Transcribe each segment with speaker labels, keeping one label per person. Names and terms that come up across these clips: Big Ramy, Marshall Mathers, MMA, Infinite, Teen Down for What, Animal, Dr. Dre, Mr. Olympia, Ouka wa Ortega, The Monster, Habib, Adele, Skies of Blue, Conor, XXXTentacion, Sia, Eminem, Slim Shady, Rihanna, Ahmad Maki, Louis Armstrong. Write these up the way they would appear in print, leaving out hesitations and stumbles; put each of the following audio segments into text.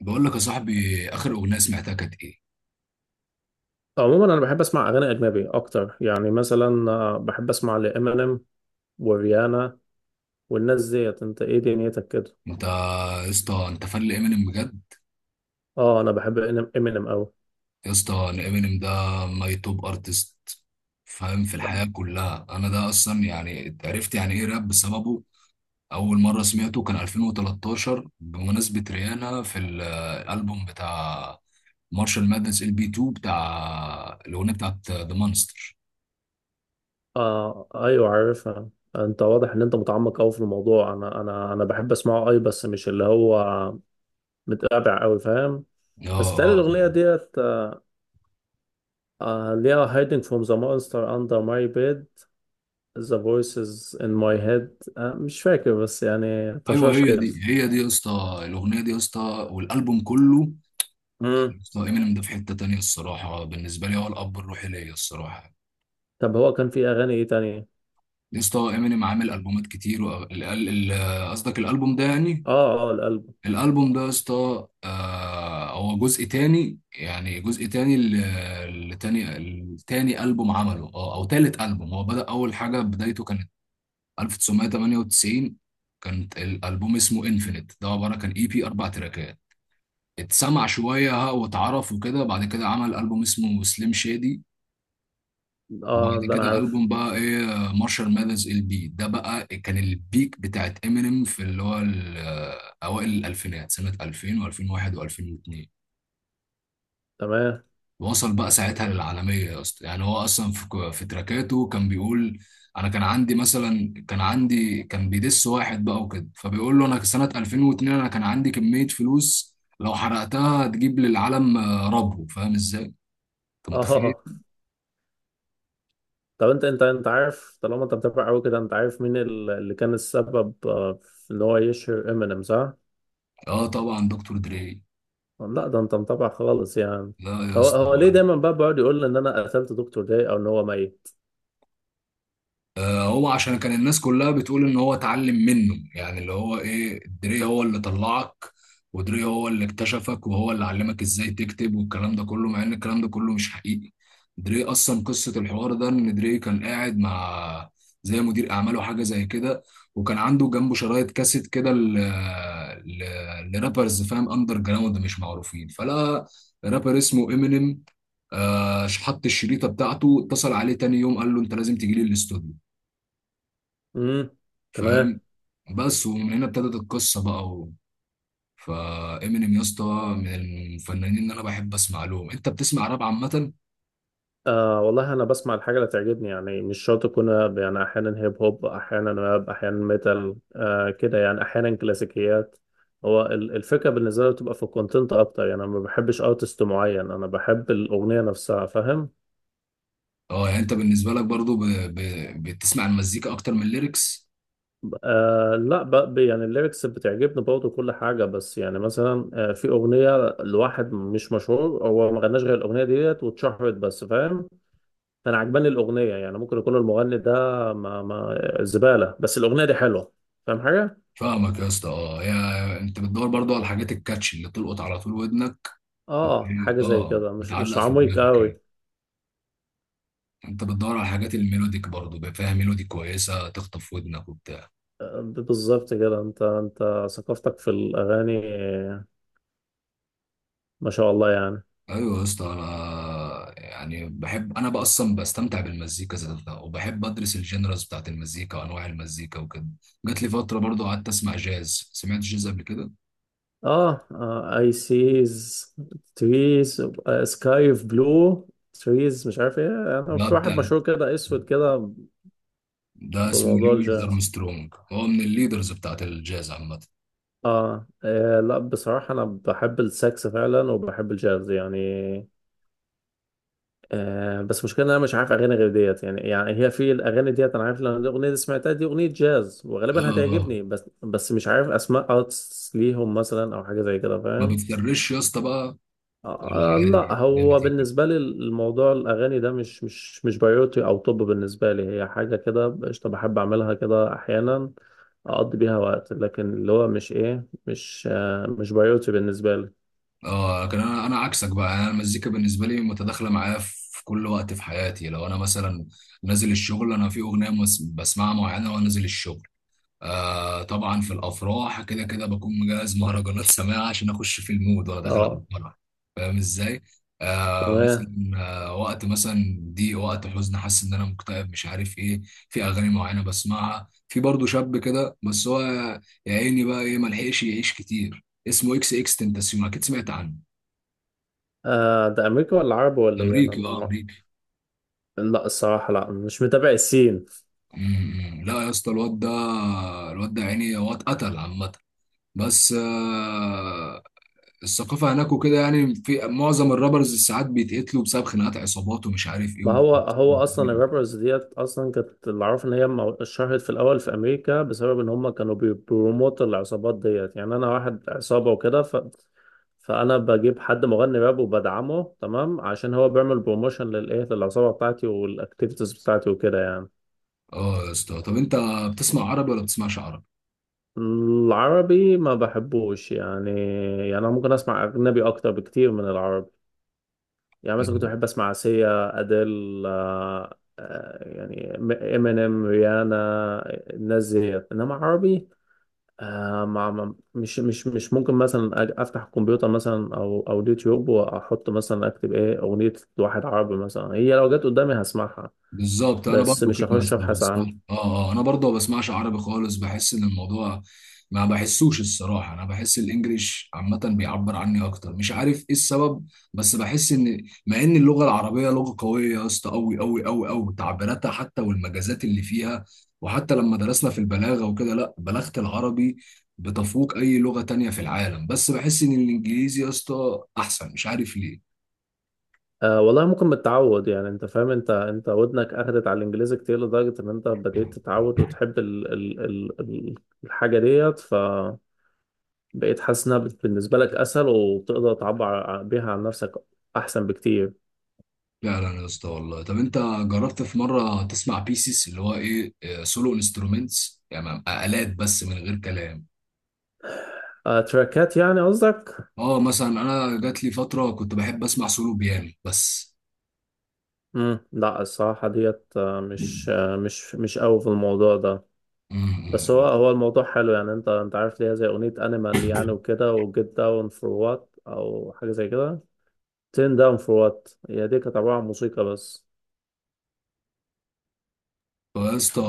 Speaker 1: بقول لك يا صاحبي، اخر اغنيه سمعتها كانت ايه؟
Speaker 2: عموما انا بحب اسمع اغاني اجنبي اكتر، يعني مثلا بحب اسمع لامينيم وريانا والناس ديت. انت ايه دنيتك كده؟
Speaker 1: انت يا اسطى، انت فان لامينيم بجد؟
Speaker 2: اه، انا بحب امينيم قوي.
Speaker 1: يا اسطى، انا امينيم ده ماي توب ارتست، فاهم؟ في
Speaker 2: طب.
Speaker 1: الحياه كلها انا ده اصلا، يعني عرفت يعني ايه راب بسببه. اول مره سمعته كان 2013 بمناسبه ريانا في الالبوم بتاع مارشال مادنس ال بي 2، بتاع الاغنيه بتاعت ذا مانستر.
Speaker 2: آه، ايوه، عارفها. انت واضح ان انت متعمق قوي في الموضوع. انا بحب اسمعه اي، بس مش اللي هو متابع قوي، فاهم؟
Speaker 1: اه
Speaker 2: بس بتهيألي
Speaker 1: اه،
Speaker 2: الاغنيه ديت آه ليها hiding from the monster under my bed, the voices in my head. آه، مش فاكر، بس يعني
Speaker 1: ايوه
Speaker 2: طشاش
Speaker 1: هي
Speaker 2: كده.
Speaker 1: دي هي دي يا اسطى، الاغنيه دي يا اسطى والالبوم كله. اسطى امينيم ده في حتة تانية الصراحة، بالنسبة لي هو الأب الروحي ليا الصراحة.
Speaker 2: طب، هو كان في اغاني ايه تانية؟
Speaker 1: يا اسطى امينيم عامل ألبومات كتير، قصدك الألبوم ده يعني؟
Speaker 2: اه، اه، القلب.
Speaker 1: الألبوم ده يا اسطى هو جزء تاني، يعني جزء تاني لتاني التاني ألبوم عمله، أو تالت ألبوم. هو بدأ أول حاجة، بدايته كانت 1998. كانت الألبوم اسمه انفينيت، ده عبارة كان اي بي أربع تراكات، اتسمع شوية واتعرف وكده. بعد كده عمل ألبوم اسمه سليم شادي، وبعد
Speaker 2: اه، ده انا
Speaker 1: كده
Speaker 2: عارف.
Speaker 1: ألبوم بقى إيه، مارشال ماذرز ال بي. ده بقى كان البيك بتاعت إمينيم، في اللي هو أوائل الألفينات، سنة 2000 و2001 و2002.
Speaker 2: تمام.
Speaker 1: وصل بقى ساعتها للعالمية يا اسطى. يعني هو أصلا في تراكاته كان بيقول، أنا كان عندي مثلا، كان عندي كان بيدس واحد بقى وكده، فبيقول له أنا سنة 2002 أنا كان عندي كمية فلوس لو حرقتها تجيب للعالم ربو، فاهم إزاي؟ أنت متخيل؟
Speaker 2: اه. طب، انت عارف، طالما انت بتتابع قوي كده، انت عارف مين اللي كان السبب في ان هو يشهر امينيم، صح؟
Speaker 1: آه طبعا، دكتور دري.
Speaker 2: لا، ده انت متابع خالص يعني.
Speaker 1: لا يا
Speaker 2: هو ليه
Speaker 1: اسطى،
Speaker 2: دايما بقى بيقعد يقول ان انا قتلت دكتور داي او ان هو ميت؟
Speaker 1: هو عشان كان الناس كلها بتقول ان هو اتعلم منه، يعني اللي هو ايه، دري هو اللي طلعك، ودري هو اللي اكتشفك، وهو اللي علمك ازاي تكتب والكلام ده كله، مع ان الكلام ده كله مش حقيقي. دري اصلا قصة الحوار ده، ان دري كان قاعد مع زي مدير اعماله حاجة زي كده، وكان عنده جنبه شرايط كاسيت كده ل... لرابرز، فاهم، اندر جراوند مش معروفين، فلا رابر اسمه امينيم. آه، حط الشريطة بتاعته، اتصل عليه تاني يوم قال له انت لازم تجي لي الاستوديو،
Speaker 2: امم.
Speaker 1: فاهم؟
Speaker 2: تمام.
Speaker 1: بس ومن هنا ابتدت القصه بقى فامينيم يا اسطى من الفنانين اللي انا بحب اسمع لهم. انت بتسمع راب عامه؟
Speaker 2: آه والله، أنا بسمع الحاجة اللي تعجبني، يعني مش شرط أكون راب. يعني أحيانا هيب هوب، أحيانا راب، أحيانا ميتال كده، يعني أحيانا كلاسيكيات. هو الفكرة بالنسبة لي بتبقى في الكونتنت أكتر، يعني أنا ما بحبش أرتست معين، أنا بحب الأغنية نفسها، فاهم؟
Speaker 1: اه يعني انت بالنسبه لك برضو بتسمع المزيكا اكتر من الليركس؟
Speaker 2: آه لا، يعني الليركس بتعجبني برضه كل حاجة. بس يعني مثلا في أغنية لواحد مش مشهور، هو ما غناش غير الأغنية ديت واتشهرت بس، فاهم؟ انا عجباني الاغنيه، يعني ممكن يكون المغني ده ما زباله بس الاغنيه دي حلوه. فاهم حاجه؟
Speaker 1: فاهمك يا اسطى. اه، يا انت بتدور برضو على الحاجات الكاتش، اللي تلقط على طول ودنك وت-
Speaker 2: اه، حاجه زي
Speaker 1: اه،
Speaker 2: كده، مش
Speaker 1: بتعلق في
Speaker 2: عميق
Speaker 1: دماغك
Speaker 2: قوي.
Speaker 1: يعني. انت بتدور على الحاجات الميلوديك برضو، بقى فيها ميلودي كويسه تخطف ودنك وبتاع.
Speaker 2: بالظبط كده. انت ثقافتك في الاغاني ما شاء الله يعني.
Speaker 1: ايوه يا اسطى، انا يعني بحب، انا بقى اصلا بستمتع بالمزيكا ذاتها، وبحب ادرس الجنرالز بتاعت المزيكا وانواع المزيكا وكده. جات لي فتره برضو قعدت اسمع جاز. سمعت جاز قبل كده؟
Speaker 2: اه، اي سيز تريز سكاي اوف بلو تريز، مش عارف ايه. انا
Speaker 1: ده
Speaker 2: في واحد
Speaker 1: بتاع،
Speaker 2: مشهور كده، اسود كده.
Speaker 1: ده اسمه
Speaker 2: بموضوع
Speaker 1: لويس
Speaker 2: الجاز.
Speaker 1: ارمسترونج، هو من الليدرز بتاعت الجاز عامه.
Speaker 2: آه. اه لا، بصراحة انا بحب السكس فعلا، وبحب الجاز يعني. آه، بس مشكلة إن أنا مش عارف أغاني غير ديت. يعني هي في الأغاني ديت أنا عارف، لأن الأغنية دي سمعتها، دي أغنية جاز
Speaker 1: اه
Speaker 2: وغالبا
Speaker 1: اه.
Speaker 2: هتعجبني، بس مش عارف أسماء أرتس ليهم مثلا أو حاجة زي كده،
Speaker 1: ما
Speaker 2: فاهم؟
Speaker 1: بتفرش يا اسطى بقى، ولا
Speaker 2: آه آه، لا.
Speaker 1: عادي زي ما
Speaker 2: هو
Speaker 1: تيجي؟
Speaker 2: بالنسبة لي الموضوع الأغاني ده مش بايوتي. أو طب بالنسبة لي هي حاجة كده قشطة، بحب أعملها كده أحيانا، أقضي بيها وقت، لكن اللي هو مش إيه مش آه مش بايوتي بالنسبة لي.
Speaker 1: اه، لكن انا عكسك بقى، يعني انا المزيكا بالنسبه لي متداخله معايا في كل وقت في حياتي. لو انا مثلا نازل الشغل، انا في اغنيه بسمعها معينه وانا نازل الشغل. آه طبعا في الافراح كده كده بكون مجهز مهرجانات سماعه عشان اخش في المود وانا داخل على
Speaker 2: أه.
Speaker 1: الفرح، فاهم ازاي؟ آه
Speaker 2: تمام.
Speaker 1: مثلا، آه وقت مثلا دي وقت حزن، حاسس ان انا مكتئب مش عارف ايه، في اغاني معينه بسمعها. في برضه شاب كده، بس هو يا عيني بقى ايه، ملحقش يعيش كتير، اسمه اكس اكس تنتاسيون، اكيد سمعت عنه.
Speaker 2: آه، ده أمريكا ولا عربي ولا إيه أنا؟
Speaker 1: امريكي، اه امريكي.
Speaker 2: لا الصراحة، لا، مش متابع السين.
Speaker 1: أمم. لا يا اسطى الواد ده، الواد ده يعني هو اتقتل عامه. بس آه، الثقافه هناك وكده، يعني في معظم الرابرز ساعات بيتقتلوا بسبب خناقات عصابات ومش عارف ايه
Speaker 2: ما هو هو اصلا الرابرز ديت اصلا كانت، اللي اعرف ان هي اتشهرت في الاول في امريكا، بسبب ان هم كانوا بيبروموت العصابات ديت. يعني انا واحد عصابة وكده فانا بجيب حد مغني راب وبدعمه تمام، عشان هو بيعمل بروموشن للعصابة بتاعتي والاكتيفيتيز بتاعتي وكده يعني.
Speaker 1: اه يا اسطى، طب انت بتسمع عربي ولا بتسمعش عربي؟
Speaker 2: العربي ما بحبوش يعني. يعني انا ممكن اسمع اجنبي اكتر بكتير من العربي. يعني مثلا كنت بحب اسمع سيا، اديل، يعني امينيم، ريانا، الناس ديت. انما عربي، آه، مش ممكن مثلا افتح الكمبيوتر مثلا او اليوتيوب، واحط مثلا اكتب ايه اغنيه واحد عربي مثلا. هي لو جت قدامي هسمعها،
Speaker 1: بالظبط، انا
Speaker 2: بس
Speaker 1: برضو
Speaker 2: مش
Speaker 1: كده
Speaker 2: هخش
Speaker 1: اصلا
Speaker 2: ابحث
Speaker 1: بسمع.
Speaker 2: عنها.
Speaker 1: اه اه، انا برضو ما بسمعش عربي خالص، بحس ان الموضوع ما بحسوش الصراحه. انا بحس الانجليش عامه بيعبر عني اكتر، مش عارف ايه السبب. بس بحس ان، مع ان اللغه العربيه لغه قويه يا اسطى، قوي قوي قوي قوي، تعبيراتها حتى والمجازات اللي فيها، وحتى لما درسنا في البلاغه وكده، لا بلاغه العربي بتفوق اي لغه تانية في العالم، بس بحس ان الانجليزي يا اسطى احسن، مش عارف
Speaker 2: آه والله، ممكن متعود، يعني انت فاهم، انت ودنك اخدت على الانجليزي كتير لدرجه ان انت بديت تتعود
Speaker 1: ليه.
Speaker 2: وتحب الحاجه ديت، ف بقيت حاسس انها بالنسبه لك اسهل، وبتقدر تعبر بيها عن نفسك احسن بكتير.
Speaker 1: فعلا يا اسطى، والله. طب انت جربت في مره تسمع بيسز، اللي هو ايه، سولو انسترومنتس، يعني آلات بس من غير كلام؟
Speaker 2: آه، تراكات يعني قصدك؟
Speaker 1: اه مثلا انا جات لي فتره كنت بحب اسمع سولو بيانو بس.
Speaker 2: امم، لا الصراحه ديت مش مش قوي في الموضوع ده. بس هو
Speaker 1: امم.
Speaker 2: هو الموضوع حلو يعني، انت عارف ليها زي اغنيه انيمال يعني وكده، وجيت داون فور وات او حاجه زي كده. تين داون فور وات هي دي كانت عباره عن موسيقى بس.
Speaker 1: هو يا اسطى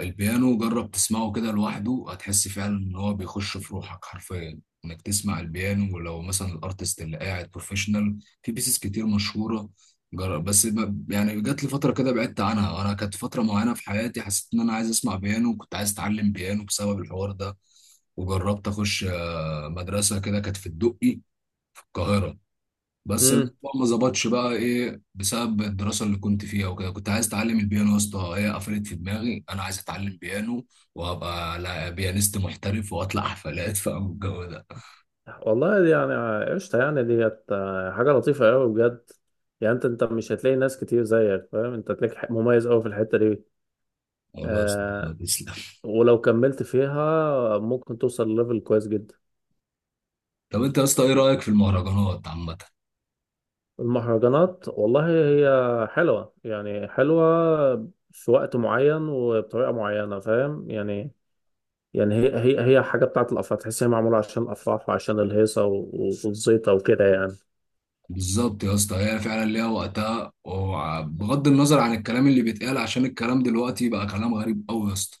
Speaker 1: البيانو، جرب تسمعه كده لوحده، هتحس فعلا ان هو بيخش في روحك حرفيا، انك تسمع البيانو، ولو مثلا الارتست اللي قاعد بروفيشنال في بيسز كتير مشهوره. جرب بس، يعني جات لي فتره كده بعدت عنها، وانا كانت فتره معينه في حياتي حسيت ان انا عايز اسمع بيانو، كنت عايز اتعلم بيانو بسبب الحوار ده. وجربت اخش مدرسه كده كانت في الدقي في القاهره، بس الموضوع
Speaker 2: امم.
Speaker 1: ما ظبطش بقى ايه بسبب الدراسه اللي كنت فيها وكده. كنت عايز اتعلم البيانو يا اسطى، هي قفلت في دماغي انا عايز اتعلم بيانو وابقى بيانيست محترف واطلع حفلات فاهم الجو ده.
Speaker 2: والله دي يعني قشطه يعني ديت، حاجه لطيفه قوي بجد. يعني انت مش هتلاقي ناس كتير زيك، فاهم؟ انت هتلاقيك مميز قوي في الحته دي.
Speaker 1: والله يا اسطى،
Speaker 2: آه.
Speaker 1: تسلم.
Speaker 2: ولو كملت فيها ممكن توصل لليفل كويس جدا.
Speaker 1: طب انت يا اسطى ايه رايك في المهرجانات عامه؟
Speaker 2: المهرجانات والله هي حلوة، يعني حلوة في وقت معين وبطريقة معينة، فاهم يعني؟ يعني هي حاجة بتاعت الأفراح، تحس هي معمولة عشان الأفراح وعشان الهيصة والزيطة وكده يعني.
Speaker 1: بالظبط يا اسطى، هي فعلا ليها وقتها، وبغض النظر عن الكلام اللي بيتقال، عشان الكلام دلوقتي بقى كلام غريب قوي يا اسطى.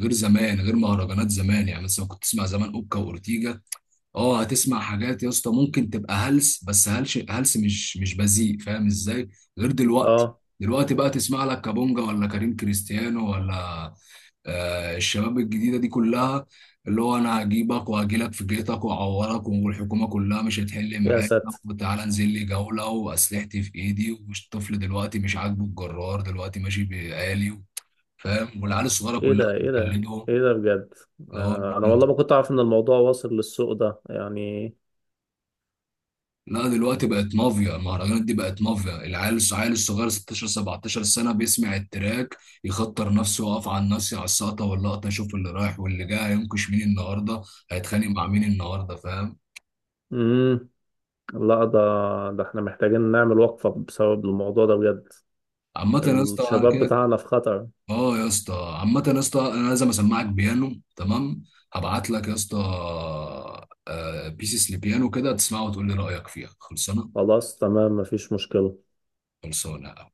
Speaker 1: غير زمان، غير مهرجانات زمان، يعني مثلا كنت تسمع زمان اوكا واورتيجا، اه هتسمع حاجات يا اسطى ممكن تبقى هلس، بس هلس هلس مش بذيء، فاهم ازاي؟ غير دلوقتي.
Speaker 2: اه.
Speaker 1: دلوقتي بقى تسمع لك كابونجا ولا كريم كريستيانو، ولا آه الشباب الجديده دي كلها، اللي هو انا هجيبك وهجيلك في بيتك واعورك والحكومه كلها مش هتحل
Speaker 2: يا
Speaker 1: معاك،
Speaker 2: ساتر.
Speaker 1: وتعالى انزل لي جوله واسلحتي في ايدي، والطفل دلوقتي مش عاجبه الجرار دلوقتي ماشي بآلي، فاهم؟ والعيال الصغيره
Speaker 2: ايه
Speaker 1: كلها
Speaker 2: ده؟ ايه ده؟
Speaker 1: بتقلدهم.
Speaker 2: ايه ده بجد؟
Speaker 1: اه.
Speaker 2: آه، انا والله ما كنت اعرف ان الموضوع واصل للسوق ده يعني.
Speaker 1: لا دلوقتي بقت مافيا المهرجانات، دي بقت مافيا. العيال الصغير الصغير 16 17 سنة بيسمع التراك، يخطر نفسه ويقف على الناس على السقطة واللقطة يشوف اللي رايح واللي جاي، هينكش مين النهاردة، هيتخانق مع مين النهاردة، فاهم؟
Speaker 2: امم. لا، ده احنا محتاجين نعمل وقفة بسبب الموضوع ده بجد.
Speaker 1: عامة يا اسطى انا
Speaker 2: الشباب
Speaker 1: كده.
Speaker 2: بتاعنا في خطر.
Speaker 1: اه يا اسطى. عامة يا اسطى انا لازم اسمعك بيانو، تمام؟ هبعت لك يا اسطى بيسيس لبيانو كده، تسمعه وتقول لي رأيك فيها. خلصانة؟
Speaker 2: خلاص، تمام، مفيش مشكلة.
Speaker 1: خلصانة.